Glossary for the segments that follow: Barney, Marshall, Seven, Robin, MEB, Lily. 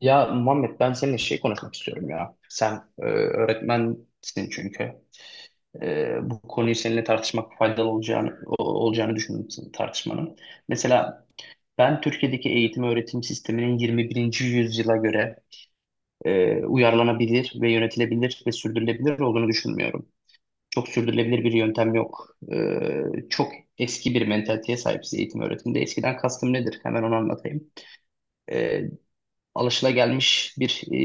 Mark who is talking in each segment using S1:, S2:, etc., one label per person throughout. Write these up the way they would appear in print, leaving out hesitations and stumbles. S1: Ya Muhammed ben seninle şey konuşmak istiyorum ya. Sen öğretmensin çünkü. Bu konuyu seninle tartışmak faydalı olacağını olacağını düşündüm senin tartışmanın. Mesela ben Türkiye'deki eğitim öğretim sisteminin 21. yüzyıla göre uyarlanabilir ve yönetilebilir ve sürdürülebilir olduğunu düşünmüyorum. Çok sürdürülebilir bir yöntem yok. Çok eski bir mentaliteye sahibiz eğitim öğretimde. Eskiden kastım nedir? Hemen onu anlatayım. E, Alışılagelmiş bir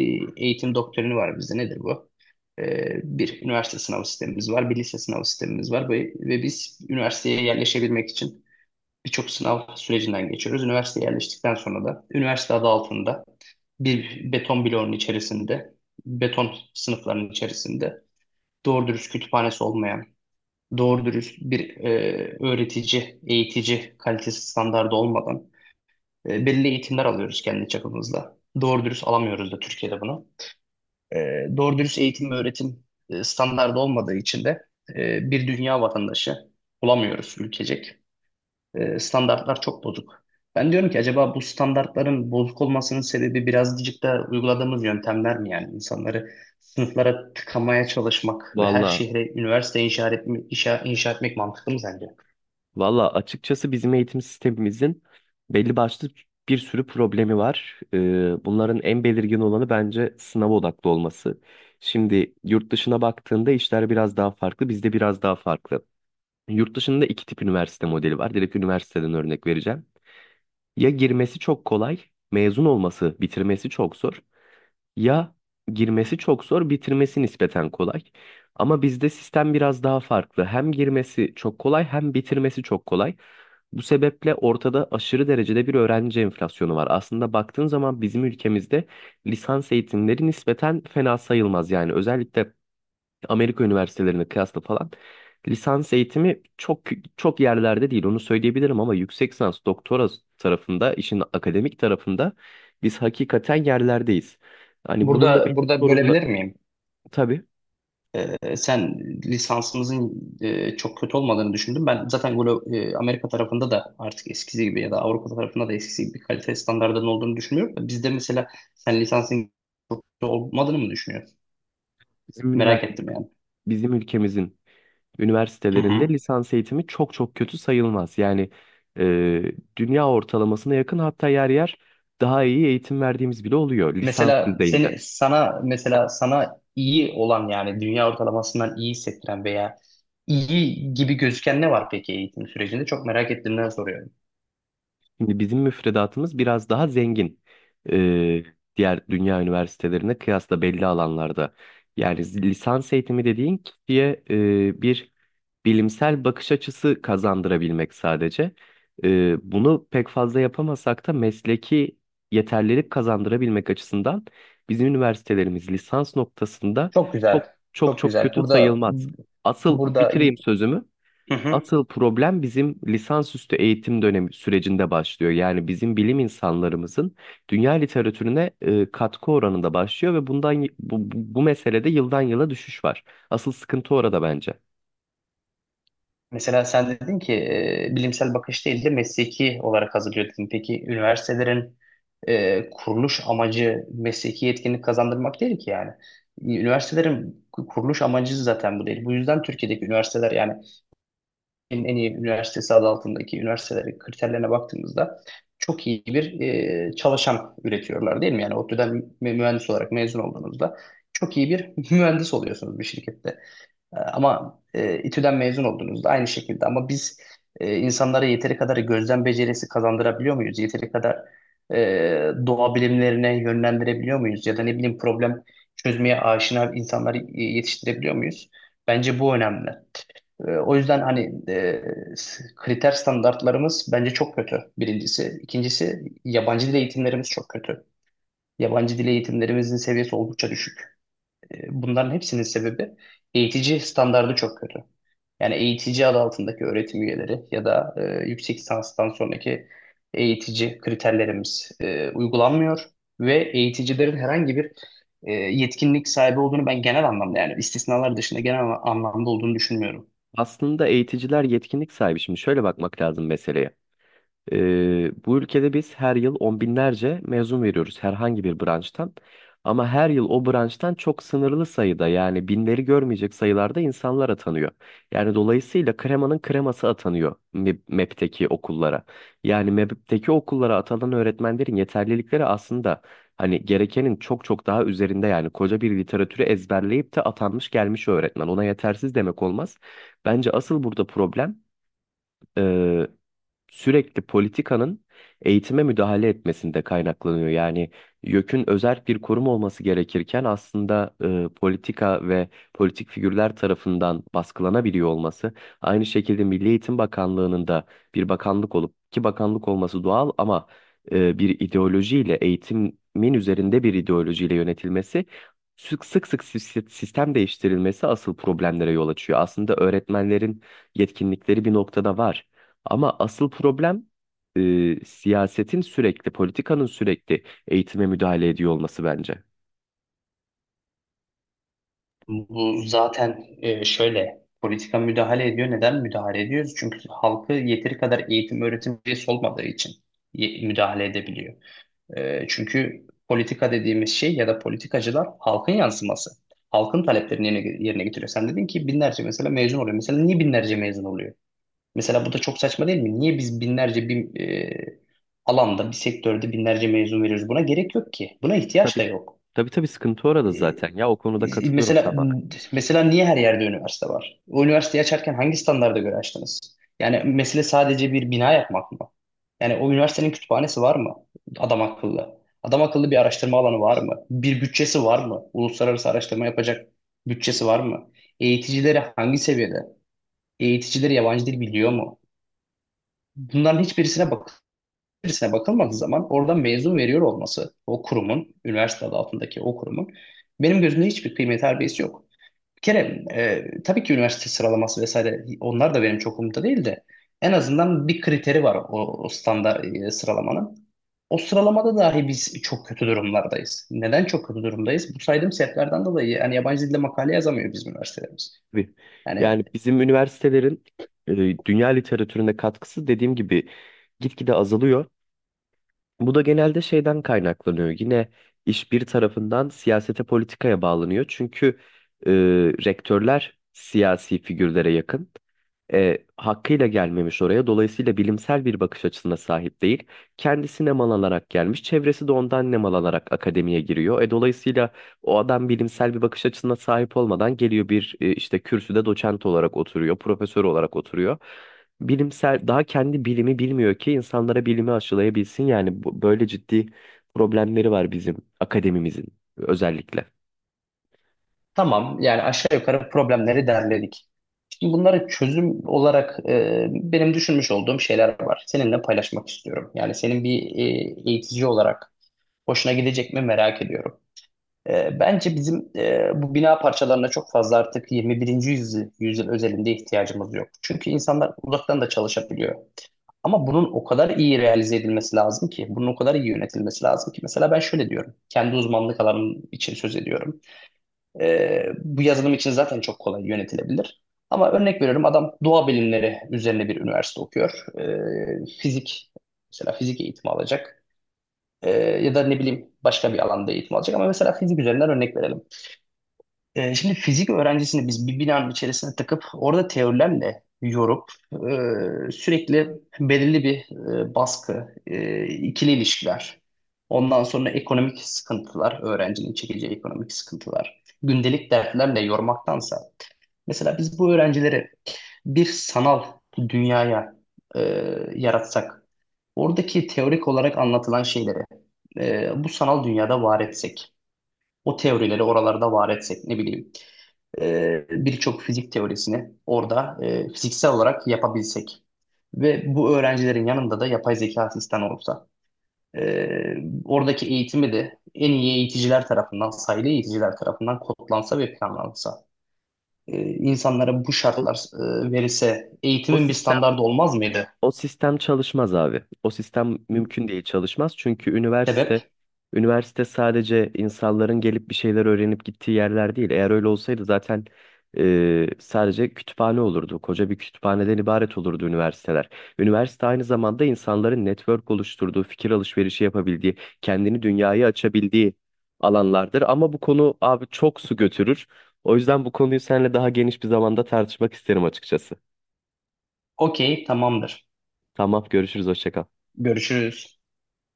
S1: eğitim doktrini var bizde. Nedir bu? E, Bir üniversite sınav sistemimiz var, bir lise sınav sistemimiz var ve biz üniversiteye yerleşebilmek için birçok sınav sürecinden geçiyoruz. Üniversiteye yerleştikten sonra da üniversite adı altında bir beton bloğun içerisinde, beton sınıfların içerisinde doğru dürüst kütüphanesi olmayan, doğru dürüst bir öğretici, eğitici kalitesi standardı olmadan belli eğitimler alıyoruz kendi çapımızda. Doğru dürüst alamıyoruz da Türkiye'de bunu. E, doğru dürüst eğitim ve öğretim standardı olmadığı için de bir dünya vatandaşı bulamıyoruz ülkecek. Standartlar çok bozuk. Ben diyorum ki acaba bu standartların bozuk olmasının sebebi birazcık da uyguladığımız yöntemler mi yani? İnsanları sınıflara tıkamaya çalışmak ve her
S2: Valla,
S1: şehre üniversite inşa etmek, inşa etmek mantıklı mı sence?
S2: valla, açıkçası bizim eğitim sistemimizin belli başlı bir sürü problemi var. Bunların en belirgin olanı bence sınav odaklı olması. Şimdi yurt dışına baktığında işler biraz daha farklı, bizde biraz daha farklı. Yurt dışında iki tip üniversite modeli var. Direkt üniversiteden örnek vereceğim. Ya girmesi çok kolay, mezun olması, bitirmesi çok zor. Ya girmesi çok zor, bitirmesi nispeten kolay. Ama bizde sistem biraz daha farklı. Hem girmesi çok kolay hem bitirmesi çok kolay. Bu sebeple ortada aşırı derecede bir öğrenci enflasyonu var. Aslında baktığın zaman bizim ülkemizde lisans eğitimleri nispeten fena sayılmaz. Yani özellikle Amerika üniversitelerine kıyasla falan lisans eğitimi çok çok yerlerde değil onu söyleyebilirim, ama yüksek lisans doktora tarafında, işin akademik tarafında biz hakikaten yerlerdeyiz. Hani bunun da
S1: Burada
S2: benim
S1: burada
S2: sorumlu
S1: bölebilir miyim?
S2: tabii,
S1: Sen lisansımızın çok kötü olmadığını düşündüm. Ben zaten Amerika tarafında da artık eskisi gibi ya da Avrupa tarafında da eskisi gibi kalite standartlarının olduğunu düşünmüyorum. Bizde mesela sen lisansın kötü olmadığını mı düşünüyorsun?
S2: bizim
S1: Merak
S2: üniversite
S1: ettim yani.
S2: bizim ülkemizin
S1: Hı
S2: üniversitelerinde
S1: hı.
S2: lisans eğitimi çok çok kötü sayılmaz. Yani dünya ortalamasına yakın, hatta yer yer daha iyi eğitim verdiğimiz bile oluyor lisans
S1: Mesela
S2: düzeyinde.
S1: seni sana mesela sana iyi olan yani dünya ortalamasından iyi hissettiren veya iyi gibi gözüken ne var peki eğitim sürecinde? Çok merak ettiğimden soruyorum.
S2: Şimdi bizim müfredatımız biraz daha zengin e, diğer dünya üniversitelerine kıyasla belli alanlarda. Yani lisans eğitimi dediğin kişiye bir bilimsel bakış açısı kazandırabilmek sadece. Bunu pek fazla yapamasak da mesleki yeterlilik kazandırabilmek açısından bizim üniversitelerimiz lisans noktasında
S1: Çok
S2: çok
S1: güzel.
S2: çok
S1: Çok
S2: çok
S1: güzel.
S2: kötü
S1: Burada
S2: sayılmaz. Asıl
S1: burada
S2: bitireyim sözümü.
S1: Hı hı.
S2: Asıl problem bizim lisansüstü eğitim dönemi sürecinde başlıyor. Yani bizim bilim insanlarımızın dünya literatürüne katkı oranında başlıyor ve bu meselede yıldan yıla düşüş var. Asıl sıkıntı orada bence.
S1: Mesela sen dedin ki bilimsel bakış değil de mesleki olarak hazırlıyor dedin. Peki üniversitelerin kuruluş amacı mesleki yetkinlik kazandırmak değil ki yani. Üniversitelerin kuruluş amacı zaten bu değil. Bu yüzden Türkiye'deki üniversiteler yani en iyi üniversitesi adı altındaki üniversitelerin kriterlerine baktığımızda çok iyi bir çalışan üretiyorlar değil mi? Yani ODTÜ'den mühendis olarak mezun olduğunuzda çok iyi bir mühendis oluyorsunuz bir şirkette. Ama İTÜ'den mezun oldunuz da aynı şekilde. Ama biz insanlara yeteri kadar gözlem becerisi kazandırabiliyor muyuz? Yeteri kadar e, doğa bilimlerine yönlendirebiliyor muyuz? Ya da ne bileyim problem çözmeye aşina insanları yetiştirebiliyor muyuz? Bence bu önemli. O yüzden hani kriter standartlarımız bence çok kötü birincisi. İkincisi yabancı dil eğitimlerimiz çok kötü. Yabancı dil eğitimlerimizin seviyesi oldukça düşük. Bunların hepsinin sebebi eğitici standardı çok kötü. Yani eğitici adı altındaki öğretim üyeleri ya da yüksek lisanstan sonraki eğitici kriterlerimiz uygulanmıyor ve eğiticilerin herhangi bir yetkinlik sahibi olduğunu ben genel anlamda yani istisnalar dışında genel anlamda olduğunu düşünmüyorum.
S2: Aslında eğiticiler yetkinlik sahibi. Şimdi şöyle bakmak lazım meseleye. Bu ülkede biz her yıl on binlerce mezun veriyoruz herhangi bir branştan. Ama her yıl o branştan çok sınırlı sayıda, yani binleri görmeyecek sayılarda insanlar atanıyor. Yani dolayısıyla kremanın kreması atanıyor MEB'teki okullara. Yani MEB'teki okullara atanan öğretmenlerin yeterlilikleri aslında hani gerekenin çok çok daha üzerinde, yani koca bir literatürü ezberleyip de atanmış gelmiş öğretmen. Ona yetersiz demek olmaz. Bence asıl burada problem e, sürekli politikanın eğitime müdahale etmesinde kaynaklanıyor. Yani YÖK'ün özerk bir kurum olması gerekirken, aslında politika ve politik figürler tarafından baskılanabiliyor olması. Aynı şekilde Milli Eğitim Bakanlığı'nın da bir bakanlık olup, ki bakanlık olması doğal, ama bir ideolojiyle eğitimin üzerinde bir ideolojiyle yönetilmesi, sistem değiştirilmesi asıl problemlere yol açıyor. Aslında öğretmenlerin yetkinlikleri bir noktada var. Ama asıl problem siyasetin sürekli, politikanın sürekli eğitime müdahale ediyor olması bence.
S1: Bu zaten şöyle politika müdahale ediyor. Neden müdahale ediyoruz? Çünkü halkı yeteri kadar eğitim öğretim üyesi olmadığı için müdahale edebiliyor. Çünkü politika dediğimiz şey ya da politikacılar halkın yansıması. Halkın taleplerini yerine getiriyor. Sen dedin ki binlerce mesela mezun oluyor. Mesela niye binlerce mezun oluyor? Mesela bu da çok saçma değil mi? Niye biz binlerce bir alanda, bir sektörde binlerce mezun veriyoruz? Buna gerek yok ki. Buna ihtiyaç da
S2: Tabii.
S1: yok.
S2: Tabii, tabii, sıkıntı orada
S1: Ee,
S2: zaten. Ya o konuda katılıyorum
S1: mesela
S2: tamamen.
S1: mesela niye her yerde üniversite var? O üniversiteyi açarken hangi standarda göre açtınız? Yani mesele sadece bir bina yapmak mı? Yani o üniversitenin kütüphanesi var mı? Adam akıllı. Adam akıllı bir araştırma alanı var mı? Bir bütçesi var mı? Uluslararası araştırma yapacak bütçesi var mı? Eğiticileri hangi seviyede? Eğiticileri yabancı dil biliyor mu? Bunların hiçbirisine bakın içerisine bakılmadığı zaman oradan mezun veriyor olması o kurumun, üniversite adı altındaki o kurumun benim gözümde hiçbir kıymet harbiyesi yok. Bir kere tabii ki üniversite sıralaması vesaire onlar da benim çok umurumda değil de en azından bir kriteri var o standart sıralamanın. O sıralamada dahi biz çok kötü durumlardayız. Neden çok kötü durumdayız? Bu saydığım sebeplerden dolayı yani yabancı dilde makale yazamıyor bizim üniversitelerimiz.
S2: Tabii. Yani
S1: Yani
S2: bizim üniversitelerin dünya literatürüne katkısı, dediğim gibi, gitgide azalıyor. Bu da genelde şeyden kaynaklanıyor. Yine iş bir tarafından siyasete, politikaya bağlanıyor. Çünkü e, rektörler siyasi figürlere yakın. Hakkıyla gelmemiş oraya. Dolayısıyla bilimsel bir bakış açısına sahip değil. Kendisi nem alarak gelmiş. Çevresi de ondan nem alarak akademiye giriyor. Dolayısıyla o adam bilimsel bir bakış açısına sahip olmadan geliyor, bir işte kürsüde doçent olarak oturuyor, profesör olarak oturuyor. Bilimsel daha kendi bilimi bilmiyor ki insanlara bilimi aşılayabilsin. Yani böyle ciddi problemleri var bizim akademimizin özellikle.
S1: tamam yani aşağı yukarı problemleri derledik. Şimdi bunlara çözüm olarak benim düşünmüş olduğum şeyler var. Seninle paylaşmak istiyorum. Yani senin bir eğitici olarak hoşuna gidecek mi merak ediyorum. Bence bizim bu bina parçalarına çok fazla artık yüzyıl özelinde ihtiyacımız yok. Çünkü insanlar uzaktan da çalışabiliyor. Ama bunun o kadar iyi realize edilmesi lazım ki, bunun o kadar iyi yönetilmesi lazım ki. Mesela ben şöyle diyorum, kendi uzmanlık alanım için söz ediyorum. Bu yazılım için zaten çok kolay yönetilebilir. Ama örnek veriyorum adam doğa bilimleri üzerine bir üniversite okuyor. Fizik mesela fizik eğitimi alacak. Ya da ne bileyim başka bir alanda eğitim alacak. Ama mesela fizik üzerinden örnek verelim. Şimdi fizik öğrencisini biz bir binanın içerisine takıp orada teorilerle yorup sürekli belirli bir baskı, ikili ilişkiler, ondan sonra ekonomik sıkıntılar, öğrencinin çekeceği ekonomik sıkıntılar, gündelik dertlerle yormaktansa mesela biz bu öğrencileri bir sanal dünyaya e, yaratsak, oradaki teorik olarak anlatılan şeyleri bu sanal dünyada var etsek, o teorileri oralarda var etsek ne bileyim birçok fizik teorisini orada fiziksel olarak yapabilsek ve bu öğrencilerin yanında da yapay zeka asistanı olsa e, oradaki eğitimi de en iyi eğiticiler tarafından, sayılı eğiticiler tarafından kodlansa ve planlansa insanlara bu
S2: O,
S1: şartlar verilse
S2: o
S1: eğitimin bir
S2: sistem
S1: standardı olmaz mıydı?
S2: O sistem çalışmaz abi. O sistem mümkün değil çalışmaz. Çünkü
S1: Sebep,
S2: üniversite sadece insanların gelip bir şeyler öğrenip gittiği yerler değil. Eğer öyle olsaydı zaten sadece kütüphane olurdu. Koca bir kütüphaneden ibaret olurdu üniversiteler. Üniversite aynı zamanda insanların network oluşturduğu, fikir alışverişi yapabildiği, kendini dünyaya açabildiği alanlardır. Ama bu konu abi çok su götürür. O yüzden bu konuyu seninle daha geniş bir zamanda tartışmak isterim açıkçası.
S1: okey, tamamdır.
S2: Tamam, görüşürüz, hoşça kal.
S1: Görüşürüz.